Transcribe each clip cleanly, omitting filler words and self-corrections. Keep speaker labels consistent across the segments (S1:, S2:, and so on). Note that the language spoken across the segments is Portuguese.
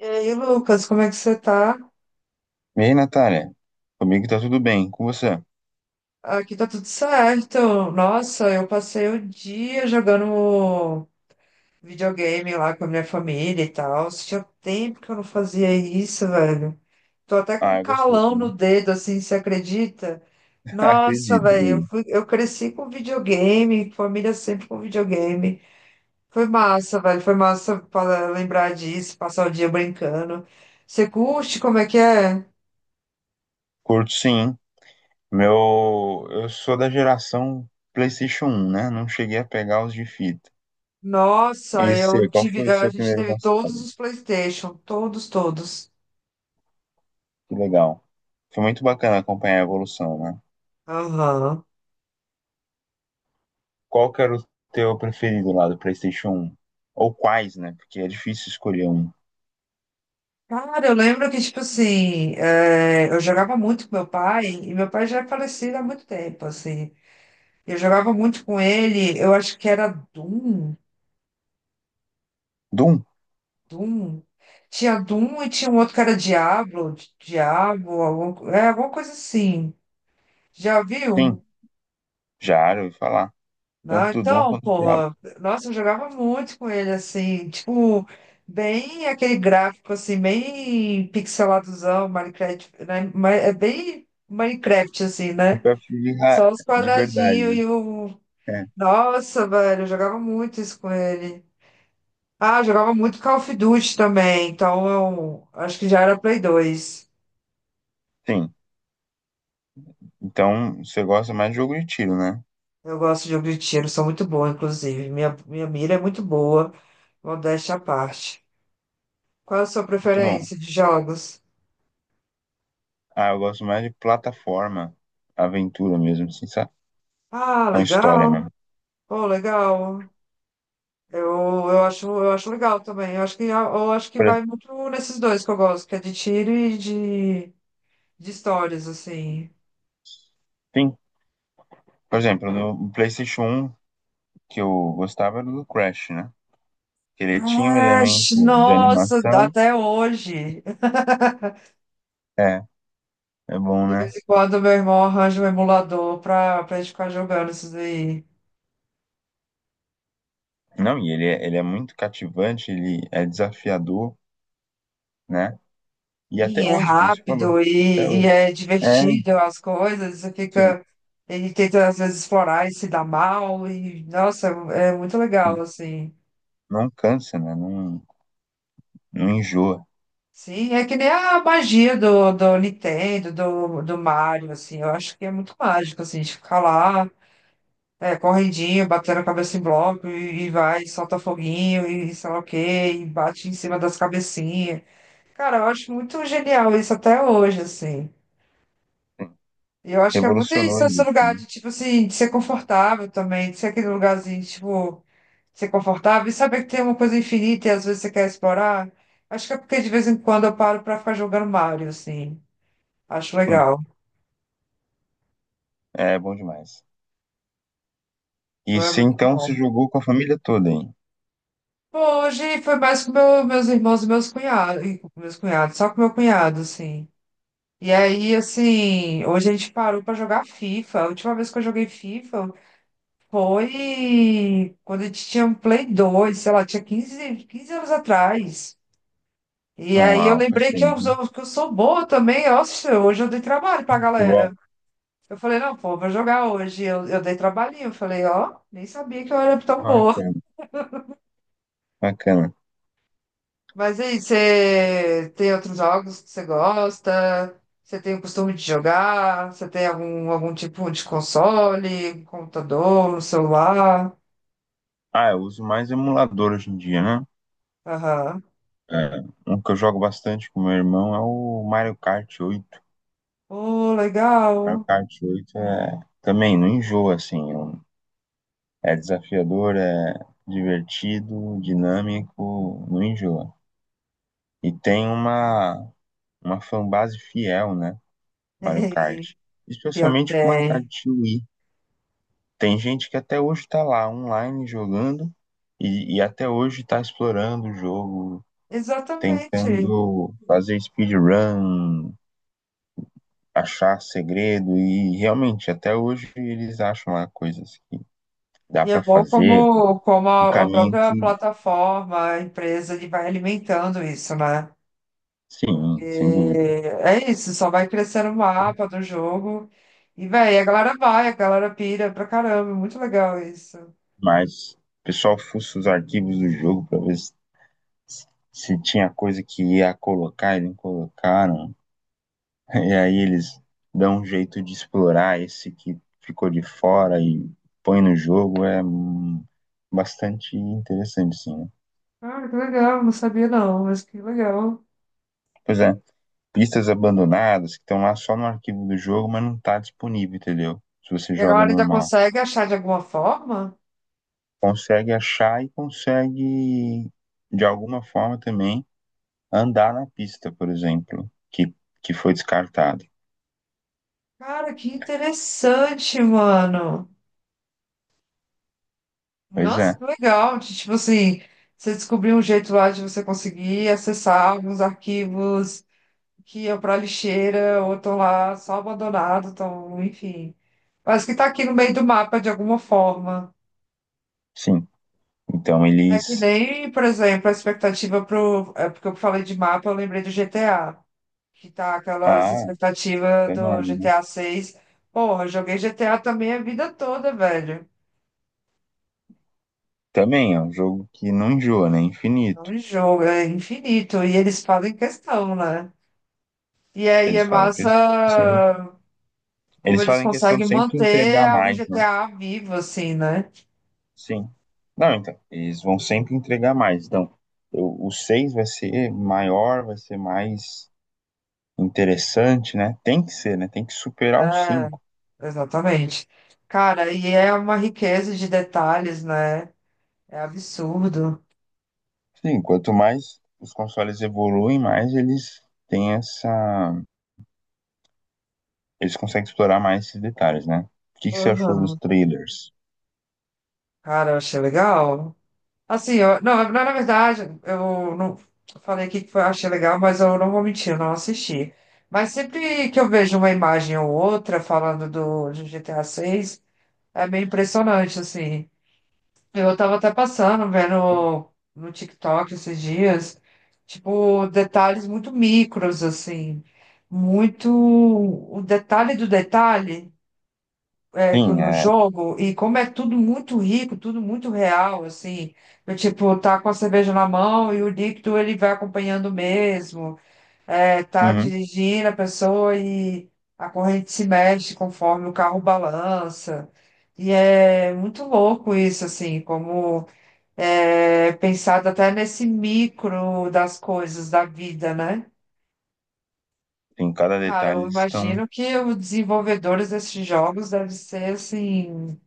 S1: E aí, Lucas, como é que você tá?
S2: E aí, Natália? Comigo tá tudo bem, com você?
S1: Aqui tá tudo certo. Nossa, eu passei o dia jogando videogame lá com a minha família e tal. Tinha tempo que eu não fazia isso, velho. Tô até com
S2: Ah,
S1: um
S2: é gostoso,
S1: calão
S2: né?
S1: no dedo, assim, você acredita? Nossa,
S2: Acredito,
S1: velho,
S2: acredito.
S1: eu cresci com videogame, família sempre com videogame. Foi massa, velho, foi massa para lembrar disso, passar o dia brincando. Você curte? Como é que é?
S2: Curto sim. Meu, eu sou da geração PlayStation um, né? Não cheguei a pegar os de fita.
S1: Nossa,
S2: E
S1: eu
S2: você, qual
S1: tive.
S2: foi o
S1: A
S2: seu
S1: gente
S2: primeiro
S1: teve todos
S2: console?
S1: os PlayStation, todos, todos.
S2: Que legal. Foi muito bacana acompanhar a evolução, né?
S1: Aham.
S2: Qual que era o teu preferido lá do PlayStation um? Ou quais, né? Porque é difícil escolher um.
S1: Cara, eu lembro que, tipo assim, eu jogava muito com meu pai, e meu pai já é falecido há muito tempo, assim. Eu jogava muito com ele, eu acho que era Doom,
S2: Doom?
S1: Doom. Tinha Doom e tinha um outro que era Diablo, Diabo, algum, alguma coisa assim. Já
S2: Sim,
S1: viu?
S2: já era, eu ouvi falar.
S1: Não,
S2: Tanto do Doom
S1: então,
S2: quanto do Diablo.
S1: porra, nossa, eu jogava muito com ele, assim, tipo, bem aquele gráfico, assim, bem pixeladozão, Minecraft, né? É bem Minecraft, assim,
S2: Acho
S1: né?
S2: que Eu prefiro ra-
S1: Só os
S2: de verdade,
S1: quadradinhos
S2: né?
S1: e o.
S2: É,
S1: Nossa, velho, eu jogava muito isso com ele. Ah, eu jogava muito Call of Duty também, então eu acho que já era Play 2.
S2: sim. Então, você gosta mais de jogo de tiro, né?
S1: Eu gosto de jogo de tiro, sou muito boa, inclusive. Minha mira é muito boa, modéstia à parte. Qual a sua
S2: Muito bom.
S1: preferência de jogos?
S2: Ah, eu gosto mais de plataforma, aventura mesmo, assim, sabe?
S1: Ah,
S2: Com a história
S1: legal.
S2: mesmo.
S1: Oh, legal. Eu, eu acho legal também. Eu acho que
S2: Por,
S1: vai
S2: ex-
S1: muito nesses dois que eu gosto, que é de tiro e de histórias, assim.
S2: sim, por exemplo, no PlayStation um que eu gostava era do Crash, né? Que ele tinha um
S1: Ah,
S2: elemento de
S1: nossa,
S2: animação.
S1: até hoje.
S2: É, é bom,
S1: De
S2: né?
S1: vez em quando meu irmão arranja um emulador pra gente ficar jogando esses aí.
S2: Não, e ele é muito cativante, ele é desafiador, né? E
S1: E
S2: até
S1: é
S2: hoje, como você falou,
S1: rápido
S2: até
S1: e
S2: hoje.
S1: é
S2: É,
S1: divertido as coisas. Você
S2: sim,
S1: fica. Ele tenta às vezes explorar e se dá mal. E, nossa, é muito legal,
S2: sim.
S1: assim.
S2: Não cansa, né? Não, não enjoa.
S1: Sim, é que nem a magia do Nintendo, do Mario, assim, eu acho que é muito mágico, assim, de ficar lá, correndinho, batendo a cabeça em bloco, e vai, solta foguinho, e sei lá o quê, e bate em cima das cabecinhas. Cara, eu acho muito genial isso até hoje, assim. E eu acho que é muito
S2: Revolucionou
S1: isso, esse
S2: isso,
S1: lugar
S2: né?
S1: de, tipo assim, de ser confortável também, de ser aquele lugarzinho, tipo, ser confortável e saber que tem uma coisa infinita e às vezes você quer explorar. Acho que é porque de vez em quando eu paro pra ficar jogando Mario, assim. Acho legal.
S2: É bom demais. E
S1: Foi
S2: se
S1: muito
S2: então se
S1: bom.
S2: jogou com a família toda, hein?
S1: Bom, hoje foi mais com meus irmãos e meus cunhados, e com meus cunhados, só com meu cunhado, assim. E aí, assim, hoje a gente parou pra jogar FIFA. A última vez que eu joguei FIFA foi quando a gente tinha um Play 2, sei lá, tinha quinze anos atrás. E aí eu
S2: Uau, faz
S1: lembrei
S2: tempo, hein?
S1: que eu sou boa também. Nossa, hoje eu dei trabalho pra galera.
S2: Futebol,
S1: Eu falei, não, pô, vou jogar hoje. Eu dei trabalhinho. Eu falei, ó, nem sabia que eu era tão boa.
S2: bacana, bacana.
S1: Mas e aí, você tem outros jogos que você gosta? Você tem o costume de jogar? Você tem algum tipo de console, computador, celular?
S2: Ah, eu uso mais emulador hoje em dia, né?
S1: Aham.
S2: É, um que eu jogo bastante com meu irmão é o Mario Kart 8.
S1: Oh,
S2: Mario
S1: legal.
S2: Kart 8 é, também não enjoa, assim. É desafiador, é divertido, dinâmico, não enjoa. E tem uma fanbase fiel, né? Mario
S1: Ei,
S2: Kart.
S1: pior que
S2: Especialmente com o Mario
S1: tem.
S2: Kart Wii. Tem gente que até hoje está lá online jogando e até hoje está explorando o jogo,
S1: Exatamente.
S2: tentando fazer speedrun, achar segredo e realmente até hoje eles acham lá coisas que dá
S1: E é
S2: para
S1: bom
S2: fazer,
S1: como
S2: um
S1: a
S2: caminho
S1: própria
S2: que,
S1: plataforma, a empresa, ele vai alimentando isso, né? Porque
S2: sim, sem dúvida,
S1: é isso, só vai crescendo o mapa do jogo. E, véi, a galera vai, a galera pira pra caramba. Muito legal isso.
S2: mas o pessoal fuça os arquivos do jogo para ver se, se tinha coisa que ia colocar e não colocaram. E aí eles dão um jeito de explorar esse que ficou de fora e põe no jogo. É bastante interessante, sim, né?
S1: Ah, que legal, não sabia não, mas que legal.
S2: Pois é, pistas abandonadas que estão lá só no arquivo do jogo, mas não tá disponível, entendeu? Se você
S1: E a
S2: joga
S1: galera ainda
S2: normal.
S1: consegue achar de alguma forma?
S2: Consegue achar e consegue, de alguma forma também, andar na pista, por exemplo, que foi descartada.
S1: Cara, que interessante, mano.
S2: Pois
S1: Nossa,
S2: é,
S1: que legal. Tipo assim, você descobriu um jeito lá de você conseguir acessar alguns arquivos que iam para lixeira ou estão lá só abandonados, estão, enfim. Mas que está aqui no meio do mapa de alguma forma.
S2: sim. Então
S1: É que
S2: eles.
S1: nem, por exemplo, a expectativa pro. É porque eu falei de mapa, eu lembrei do GTA. Que tá aquela essa
S2: Ah,
S1: expectativa
S2: é
S1: do
S2: enorme, né?
S1: GTA 6. Porra, eu joguei GTA também a vida toda, velho.
S2: Também é um jogo que não enjoa, né? É
S1: Não
S2: infinito.
S1: é um jogo, é infinito. E eles fazem questão, né? E aí é
S2: Eles fazem
S1: massa
S2: questão,
S1: como
S2: eles
S1: eles
S2: fazem questão de
S1: conseguem
S2: sempre
S1: manter
S2: entregar
S1: o
S2: mais, né?
S1: GTA vivo, assim, né?
S2: Sim. Não, então, eles vão sempre entregar mais. Então, o 6 vai ser maior, vai ser mais interessante, né? Tem que ser, né? Tem que superar o
S1: É.
S2: cinco.
S1: Exatamente. Cara, e é uma riqueza de detalhes, né? É absurdo.
S2: Sim, quanto mais os consoles evoluem, mais eles têm essa. Eles conseguem explorar mais esses detalhes, né? O que que você achou dos
S1: Uhum.
S2: trailers?
S1: Cara, eu achei legal. Assim, eu, não, na verdade, eu não eu falei aqui que foi- achei legal, mas eu não vou mentir, eu não assisti. Mas sempre que eu vejo uma imagem ou outra falando do de GTA 6 é meio impressionante, assim. Eu tava até passando, vendo no TikTok esses dias, tipo, detalhes muito micros, assim, muito o detalhe do detalhe que
S2: Sim,
S1: no
S2: é.
S1: jogo, e como é tudo muito rico, tudo muito real, assim, eu, tipo, tá com a cerveja na mão e o líquido ele vai acompanhando mesmo, tá
S2: Uhum.
S1: dirigindo a pessoa e a corrente se mexe conforme o carro balança, e é muito louco isso, assim, como pensado até nesse micro das coisas da vida, né?
S2: Em cada
S1: Cara,
S2: detalhe
S1: eu
S2: eles estão.
S1: imagino que os desenvolvedores desses jogos devem ser assim,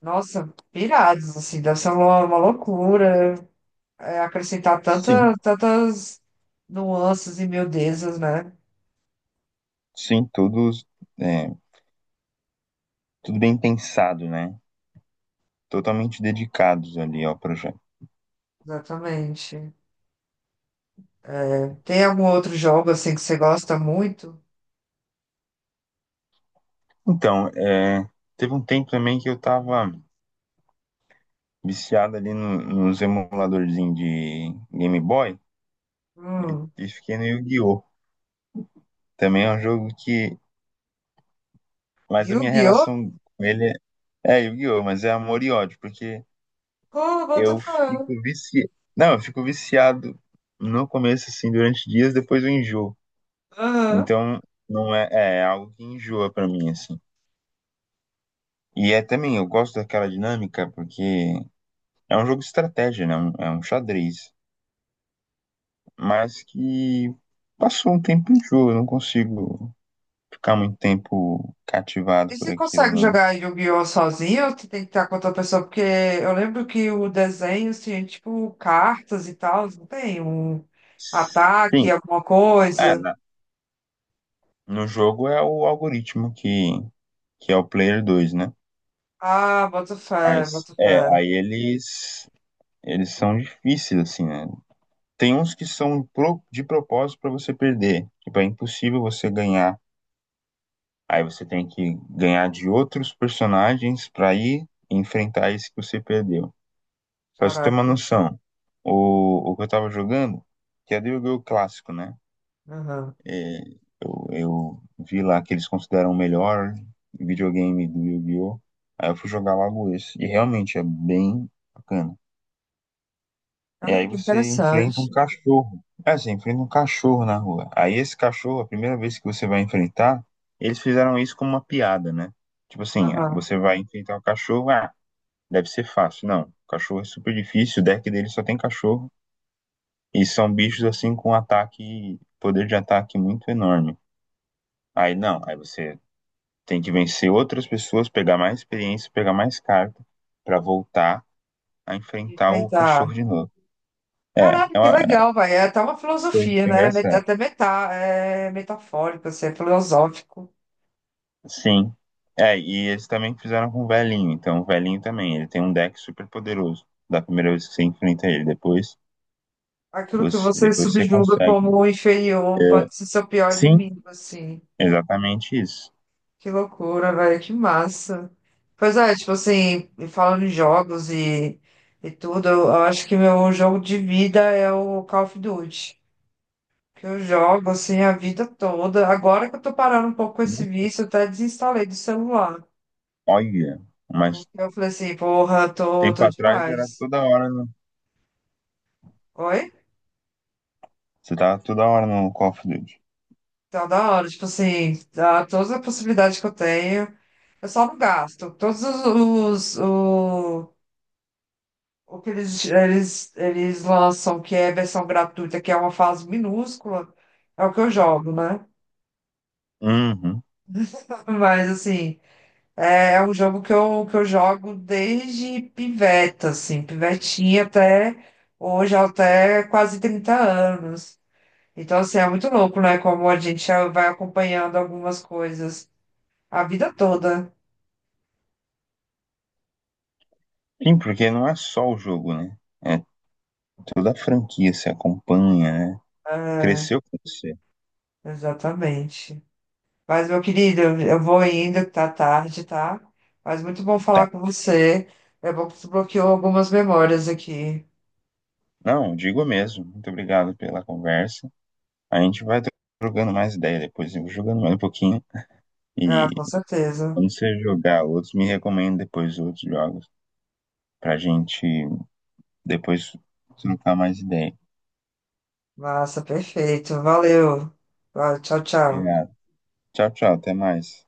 S1: nossa, pirados, assim, deve ser uma loucura acrescentar
S2: Sim,
S1: tantas nuances e miudezas, né?
S2: sim, todos, é, tudo bem pensado, né? Totalmente dedicados ali ao projeto.
S1: Exatamente. É, tem algum outro jogo assim que você gosta muito?
S2: Então, é, teve um tempo também que eu tava viciado ali nos emuladorzinhos de Game Boy
S1: Hum.
S2: e fiquei no Yu-Gi-Oh! Também é um jogo que. Mas a minha
S1: Yu-Gi-Oh!
S2: relação com ele é Yu-Gi-Oh! Mas é amor e ódio, porque
S1: Oh, what the
S2: eu
S1: fuck?
S2: fico viciado. Não, eu fico viciado no começo, assim, durante dias, depois eu enjoo.
S1: Aham.
S2: Então, não é é algo que enjoa pra mim, assim. E é também, eu gosto daquela dinâmica porque é um jogo de estratégia, né? É um xadrez, mas que passou um tempo em jogo, eu não consigo ficar muito tempo cativado
S1: E
S2: por
S1: você
S2: aquilo,
S1: consegue
S2: não.
S1: jogar Yu-Gi-Oh! Sozinho ou você tem que estar com outra pessoa? Porque eu lembro que o desenho tinha, tipo, cartas e tal, não tem? Um
S2: Sim,
S1: ataque, alguma
S2: é,
S1: coisa.
S2: no jogo é o algoritmo que é o player dois, né?
S1: Ah, boto fé,
S2: Mas
S1: boto fé.
S2: é, aí eles são difíceis assim, né? Tem uns que são de propósito pra você perder, tipo, é impossível você ganhar. Aí você tem que ganhar de outros personagens para ir enfrentar esse que você perdeu. Pra você ter uma
S1: Caraca.
S2: noção, o que eu tava jogando, que é do jogo clássico, né?
S1: Aham.
S2: É, eu vi lá que eles consideram o melhor videogame do Yu-Gi-Oh! Aí eu fui jogar logo esse. E realmente é bem bacana. E
S1: Olha
S2: aí
S1: que
S2: você enfrenta um
S1: interessante.
S2: cachorro. É, você enfrenta um cachorro na rua. Aí esse cachorro, a primeira vez que você vai enfrentar, eles fizeram isso como uma piada, né? Tipo assim, ah,
S1: Aham.
S2: você vai enfrentar o cachorro, ah, deve ser fácil. Não, o cachorro é super difícil, o deck dele só tem cachorro. E são bichos assim com ataque, poder de ataque muito enorme. Aí não, aí você tem que vencer outras pessoas, pegar mais experiência, pegar mais carta pra voltar a enfrentar o
S1: Enfrentar.
S2: cachorro de novo. É,
S1: Caraca, que legal, vai. É até uma
S2: foi
S1: filosofia,
S2: foi
S1: né?
S2: engraçado.
S1: Até meta, é metafórico, assim, é filosófico.
S2: Sim. É, e eles também fizeram com o velhinho. Então, o velhinho também, ele tem um deck super poderoso. Da primeira vez que você enfrenta ele. Depois
S1: Aquilo que você
S2: depois você
S1: subjuga
S2: consegue.
S1: como inferior
S2: É,
S1: pode ser seu pior
S2: sim,
S1: inimigo, assim.
S2: exatamente isso.
S1: Que loucura, velho, que massa. Pois é, tipo assim, e falando em jogos e tudo, eu acho que meu jogo de vida é o Call of Duty. Que eu jogo assim a vida toda. Agora que eu tô parando um pouco com esse vício, eu até desinstalei do celular.
S2: Olha, mas
S1: Porque eu falei assim, porra,
S2: tempo
S1: tô
S2: atrás era
S1: demais.
S2: toda hora no...
S1: Oi?
S2: Você tava toda hora no Call of Duty.
S1: Tá da hora, tipo assim, dá todas as possibilidades que eu tenho. Eu só não gasto. Todos os, o- O que eles lançam, que é versão gratuita, que é uma fase minúscula, é o que eu jogo, né?
S2: Uhum.
S1: Mas, assim, é um jogo que eu jogo desde piveta, assim, pivetinha até hoje, até quase 30 anos. Então, assim, é muito louco, né? Como a gente já vai acompanhando algumas coisas a vida toda.
S2: Sim, porque não é só o jogo, né? É toda a franquia, se acompanha, né?
S1: É,
S2: Cresceu com você.
S1: exatamente. Mas, meu querido, eu vou indo, que tá tarde, tá? Mas muito bom
S2: Tá.
S1: falar com você. É bom que tu bloqueou algumas memórias aqui.
S2: Não, digo mesmo. Muito obrigado pela conversa. A gente vai jogando mais ideia depois, eu vou jogando mais um pouquinho. E
S1: Ah, com certeza.
S2: quando você jogar outros, me recomenda depois outros jogos, pra gente depois trocar mais ideia.
S1: Massa, perfeito. Valeu. Ah, Tchau, tchau.
S2: Obrigado. Tchau, tchau, até mais.